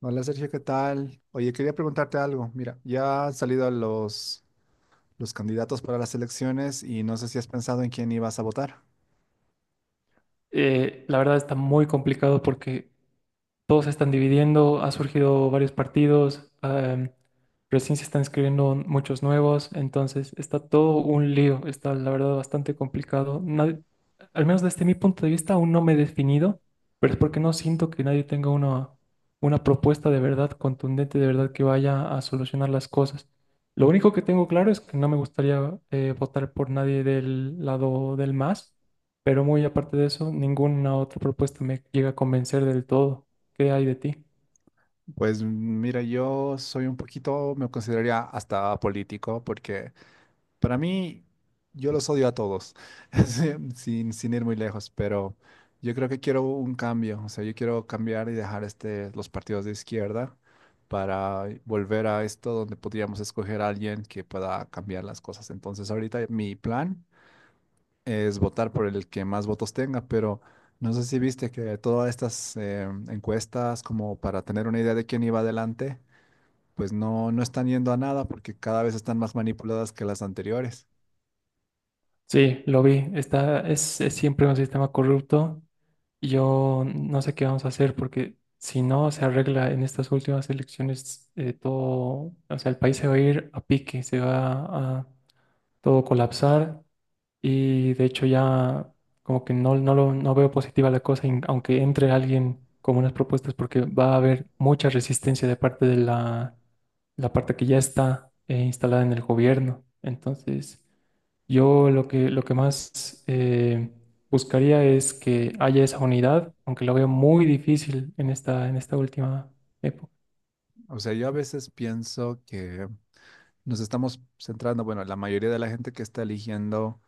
Hola Sergio, ¿qué tal? Oye, quería preguntarte algo. Mira, ya han salido los candidatos para las elecciones y no sé si has pensado en quién ibas a votar. La verdad está muy complicado porque todos se están dividiendo, ha surgido varios partidos, recién se están escribiendo muchos nuevos, entonces está todo un lío, está la verdad bastante complicado. Nadie- al menos desde mi punto de vista aún no me he definido, pero es porque no siento que nadie tenga una propuesta de verdad contundente, de verdad que vaya a solucionar las cosas. Lo único que tengo claro es que no me gustaría votar por nadie del lado del Más, pero muy aparte de eso, ninguna otra propuesta me llega a convencer del todo. ¿Qué hay de ti? Pues mira, yo soy un poquito, me consideraría hasta político porque para mí, yo los odio a todos, sí, sin ir muy lejos, pero yo creo que quiero un cambio, o sea, yo quiero cambiar y dejar este, los partidos de izquierda para volver a esto donde podríamos escoger a alguien que pueda cambiar las cosas. Entonces, ahorita mi plan es votar por el que más votos tenga, pero no sé si viste que todas estas encuestas, como para tener una idea de quién iba adelante, pues no, no están yendo a nada porque cada vez están más manipuladas que las anteriores. Sí, lo vi. Es siempre un sistema corrupto. Yo no sé qué vamos a hacer porque si no se arregla en estas últimas elecciones, todo, o sea, el país se va a ir a pique, se va a todo colapsar y de hecho ya como que no veo positiva la cosa, in- aunque entre alguien con unas propuestas porque va a haber mucha resistencia de parte de la parte que ya está instalada en el gobierno. Entonces... lo que más buscaría es que haya esa unidad, aunque lo veo muy difícil en en esta última época. O sea, yo a veces pienso que nos estamos centrando, bueno, la mayoría de la gente que está eligiendo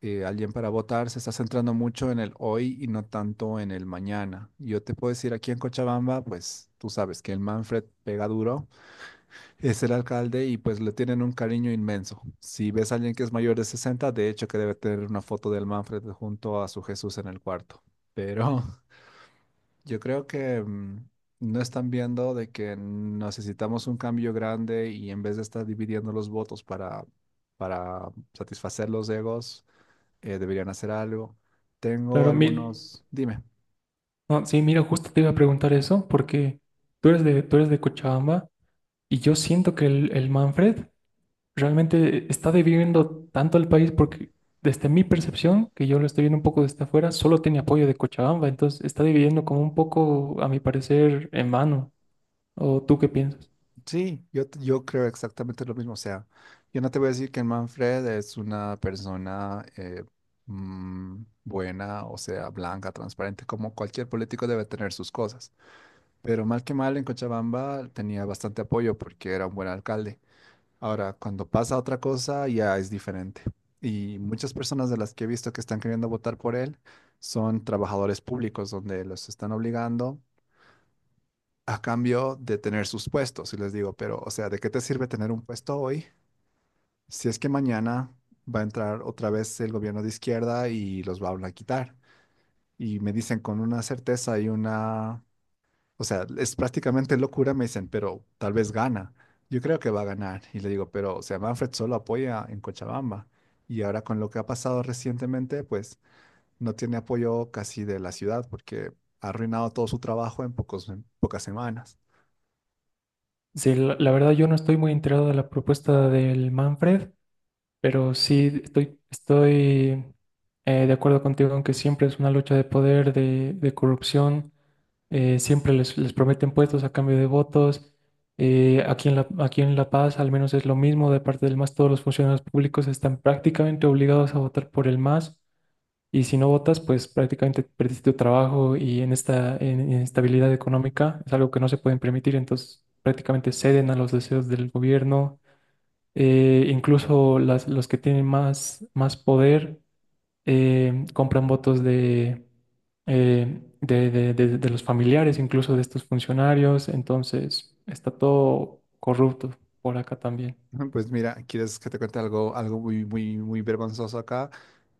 alguien para votar se está centrando mucho en el hoy y no tanto en el mañana. Yo te puedo decir aquí en Cochabamba, pues tú sabes que el Manfred pega duro, es el alcalde y pues le tienen un cariño inmenso. Si ves a alguien que es mayor de 60, de hecho que debe tener una foto del Manfred junto a su Jesús en el cuarto. Pero yo creo que no están viendo de que necesitamos un cambio grande y en vez de estar dividiendo los votos para satisfacer los egos, deberían hacer algo. Tengo Claro, mi- algunos, dime, no, sí, mira, justo te iba a preguntar eso, porque tú eres de Cochabamba y yo siento que el Manfred realmente está dividiendo tanto al país porque desde mi percepción, que yo lo estoy viendo un poco desde afuera, solo tiene apoyo de Cochabamba, entonces está dividiendo como un poco, a mi parecer, en mano. ¿O tú qué piensas? sí, yo creo exactamente lo mismo. O sea, yo no te voy a decir que Manfred es una persona mm, buena, o sea, blanca, transparente, como cualquier político debe tener sus cosas. Pero mal que mal en Cochabamba tenía bastante apoyo porque era un buen alcalde. Ahora, cuando pasa otra cosa, ya es diferente. Y muchas personas de las que he visto que están queriendo votar por él son trabajadores públicos, donde los están obligando a cambio de tener sus puestos. Y les digo, pero, o sea, ¿de qué te sirve tener un puesto hoy si es que mañana va a entrar otra vez el gobierno de izquierda y los va a quitar? Y me dicen con una certeza y una, o sea, es prácticamente locura, me dicen, pero tal vez gana. Yo creo que va a ganar. Y le digo, pero, o sea, Manfred solo apoya en Cochabamba. Y ahora con lo que ha pasado recientemente, pues no tiene apoyo casi de la ciudad porque ha arruinado todo su trabajo en pocas semanas. Sí, la verdad yo no estoy muy enterado de la propuesta del Manfred, pero sí estoy de acuerdo contigo aunque siempre es una lucha de poder, de corrupción, eh, siempre les prometen puestos a cambio de votos. Eh, aquí en La Paz al menos es lo mismo, de parte del MAS todos los funcionarios públicos están prácticamente obligados a votar por el MAS, y si no votas, pues prácticamente perdiste tu trabajo, y en esta en- inestabilidad económica es algo que no se pueden permitir, entonces prácticamente ceden a los deseos del gobierno. Incluso los que tienen más poder compran votos de los familiares, incluso de estos funcionarios, entonces está todo corrupto por acá también. Pues mira, ¿quieres que te cuente algo, algo muy, muy, muy vergonzoso acá?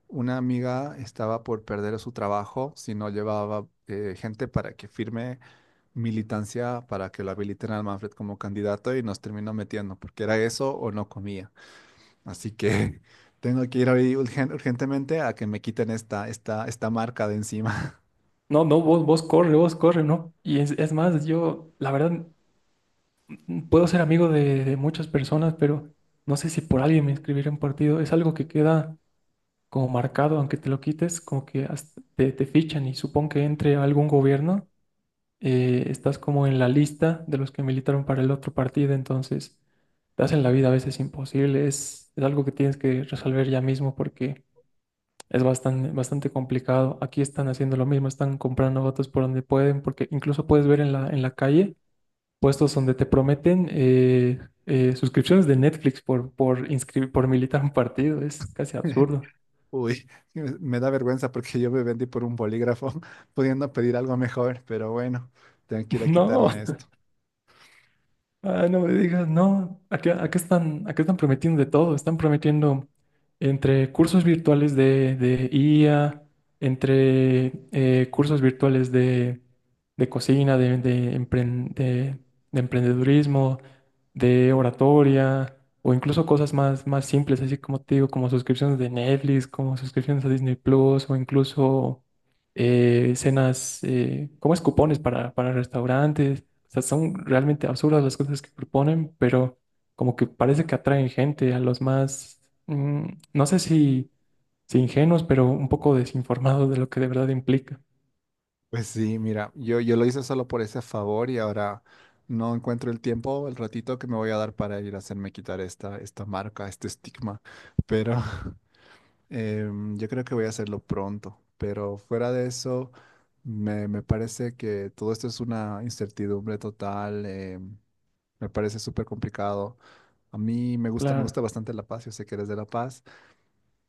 Una amiga estaba por perder su trabajo si no llevaba gente para que firme militancia para que lo habiliten al Manfred como candidato y nos terminó metiendo, porque era eso o no comía. Así que tengo que ir hoy urgentemente a que me quiten esta marca de encima. No, no, vos, vos corre, ¿no? Y es más, yo, la verdad... Puedo ser amigo de muchas personas, pero no sé si por alguien me inscribiré en un partido. Es algo que queda como marcado, aunque te lo quites, como que hasta te fichan y supongo que entre algún gobierno, estás como en la lista de los que militaron para el otro partido, entonces te hacen la vida a veces imposible. Es algo que tienes que resolver ya mismo porque es bastante complicado. Aquí están haciendo lo mismo, están comprando votos por donde pueden, porque incluso puedes ver en en la calle puestos donde te prometen suscripciones de Netflix por inscribir, por militar un partido. Es casi absurdo. Uy, me da vergüenza porque yo me vendí por un bolígrafo pudiendo pedir algo mejor, pero bueno, tengo que ir a No. quitarme esto. Ah, no me digas, no. Acá están prometiendo de todo. Están prometiendo entre cursos virtuales de IA, entre cursos virtuales de cocina, de emprendedurismo, de oratoria, o incluso cosas más, más simples, así como te digo, como suscripciones de Netflix, como suscripciones a Disney Plus, o incluso cenas, como es cupones para restaurantes. O sea, son realmente absurdas las cosas que proponen, pero como que parece que atraen gente a los más, mm, no sé si, si ingenuos, pero un poco desinformados de lo que de verdad implica. Pues sí, mira, yo lo hice solo por ese favor y ahora no encuentro el tiempo, el ratito que me voy a dar para ir a hacerme quitar esta marca, este estigma, pero Yo creo que voy a hacerlo pronto, pero fuera de eso, me parece que todo esto es una incertidumbre total, me parece súper complicado. A mí me gusta, me Claro. gusta bastante La Paz, yo sé que eres de La Paz,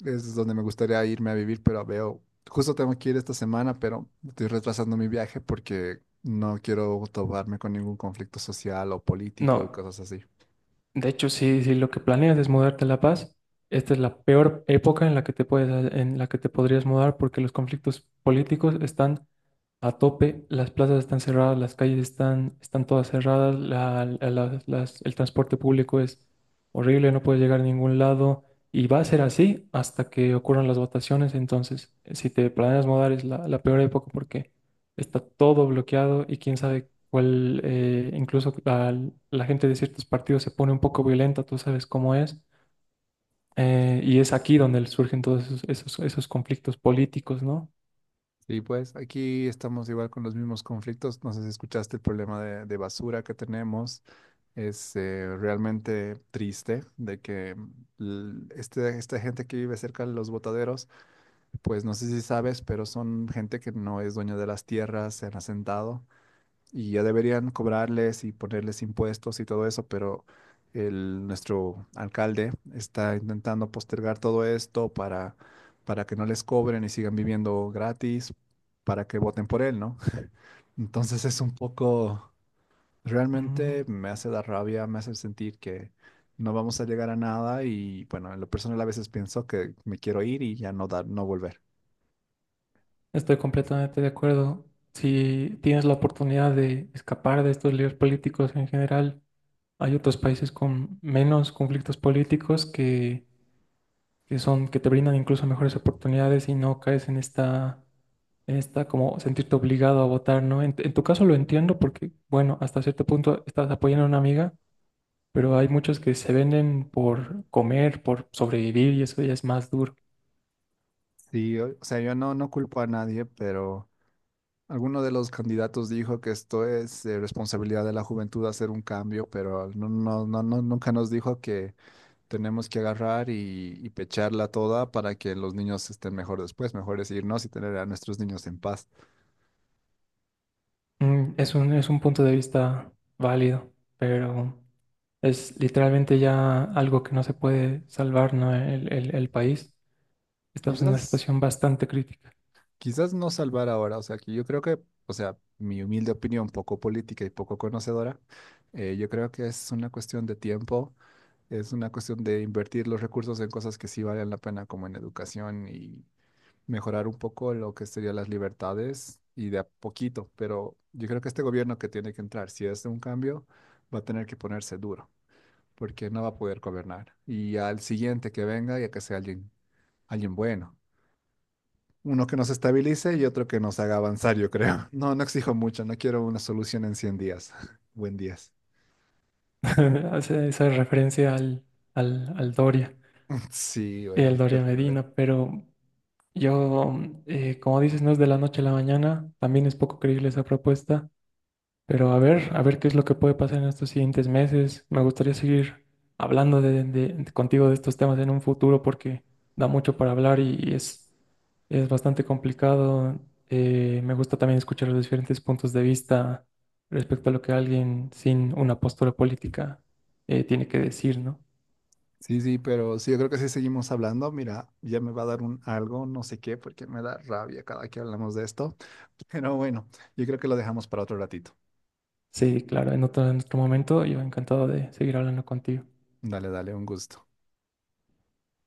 es donde me gustaría irme a vivir, pero veo, justo tengo que ir esta semana, pero estoy retrasando mi viaje porque no quiero toparme con ningún conflicto social o político y No, cosas así. de hecho, si, si lo que planeas es mudarte a La Paz, esta es la peor época en la que te en la que te podrías mudar porque los conflictos políticos están a tope, las plazas están cerradas, las calles están todas cerradas, el transporte público es horrible, no puedes llegar a ningún lado y va a ser así hasta que ocurran las votaciones. Entonces, si te planeas mudar es la peor época porque está todo bloqueado y quién sabe cuál, eh, incluso la gente de ciertos partidos se pone un poco violenta, tú sabes cómo es. Y es aquí donde surgen todos esos conflictos políticos, ¿no? Y pues aquí estamos igual con los mismos conflictos. No sé si escuchaste el problema de basura que tenemos. Es realmente triste de que esta gente que vive cerca de los botaderos, pues no sé si sabes, pero son gente que no es dueña de las tierras, se han asentado y ya deberían cobrarles y ponerles impuestos y todo eso, pero el, nuestro alcalde está intentando postergar todo esto para que no les cobren y sigan viviendo gratis, para que voten por él, ¿no? Entonces es un poco. Mm. Realmente me hace dar rabia, me hace sentir que no vamos a llegar a nada y bueno, en lo personal a veces pienso que me quiero ir y ya no dar, no volver. Estoy completamente de acuerdo. Si tienes la oportunidad de escapar de estos líderes políticos en general, hay otros países con menos conflictos políticos que te brindan incluso mejores oportunidades y no caes en en esta como sentirte obligado a votar, ¿no? En tu caso lo entiendo porque, bueno, hasta cierto punto estás apoyando a una amiga, pero hay muchos que se venden por comer, por sobrevivir, y eso ya es más duro. Sí, o sea, yo no, no culpo a nadie, pero alguno de los candidatos dijo que esto es responsabilidad de la juventud hacer un cambio, pero no, no, no, no, nunca nos dijo que tenemos que agarrar y pecharla toda para que los niños estén mejor después. Mejor es irnos y tener a nuestros niños en paz. Mm, es es un punto de vista válido, pero es literalmente ya algo que no se puede salvar, ¿no? El país. Estamos en una Quizás situación bastante crítica. Quizás no salvar ahora, o sea, que yo creo que, o sea, mi humilde opinión, poco política y poco conocedora, yo creo que es una cuestión de tiempo, es una cuestión de invertir los recursos en cosas que sí valen la pena, como en educación y mejorar un poco lo que serían las libertades y de a poquito, pero yo creo que este gobierno que tiene que entrar, si es de un cambio, va a tener que ponerse duro, porque no va a poder gobernar. Y al siguiente que venga, ya que sea alguien, alguien bueno. Uno que nos estabilice y otro que nos haga avanzar, yo creo. No, no exijo mucho, no quiero una solución en 100 días. Buen días. Hace esa referencia al Doria Sí, y güey, al es Doria terrible. Medina, pero yo, mm, como dices, no es de la noche a la mañana, también es poco creíble esa propuesta. Pero a ver qué es lo que puede pasar en estos siguientes meses. Me gustaría seguir hablando contigo de estos temas en un futuro porque da mucho para hablar y, es bastante complicado. Me gusta también escuchar los diferentes puntos de vista respecto a lo que alguien sin una postura política tiene que decir, ¿no? Sí, sí, pero sí, yo creo que si seguimos hablando, mira, ya me va a dar un algo, no sé qué, porque me da rabia cada que hablamos de esto. Pero bueno, yo creo que lo dejamos para otro ratito. Sí, claro, en otro momento yo encantado de seguir hablando contigo. Dale, dale, un gusto.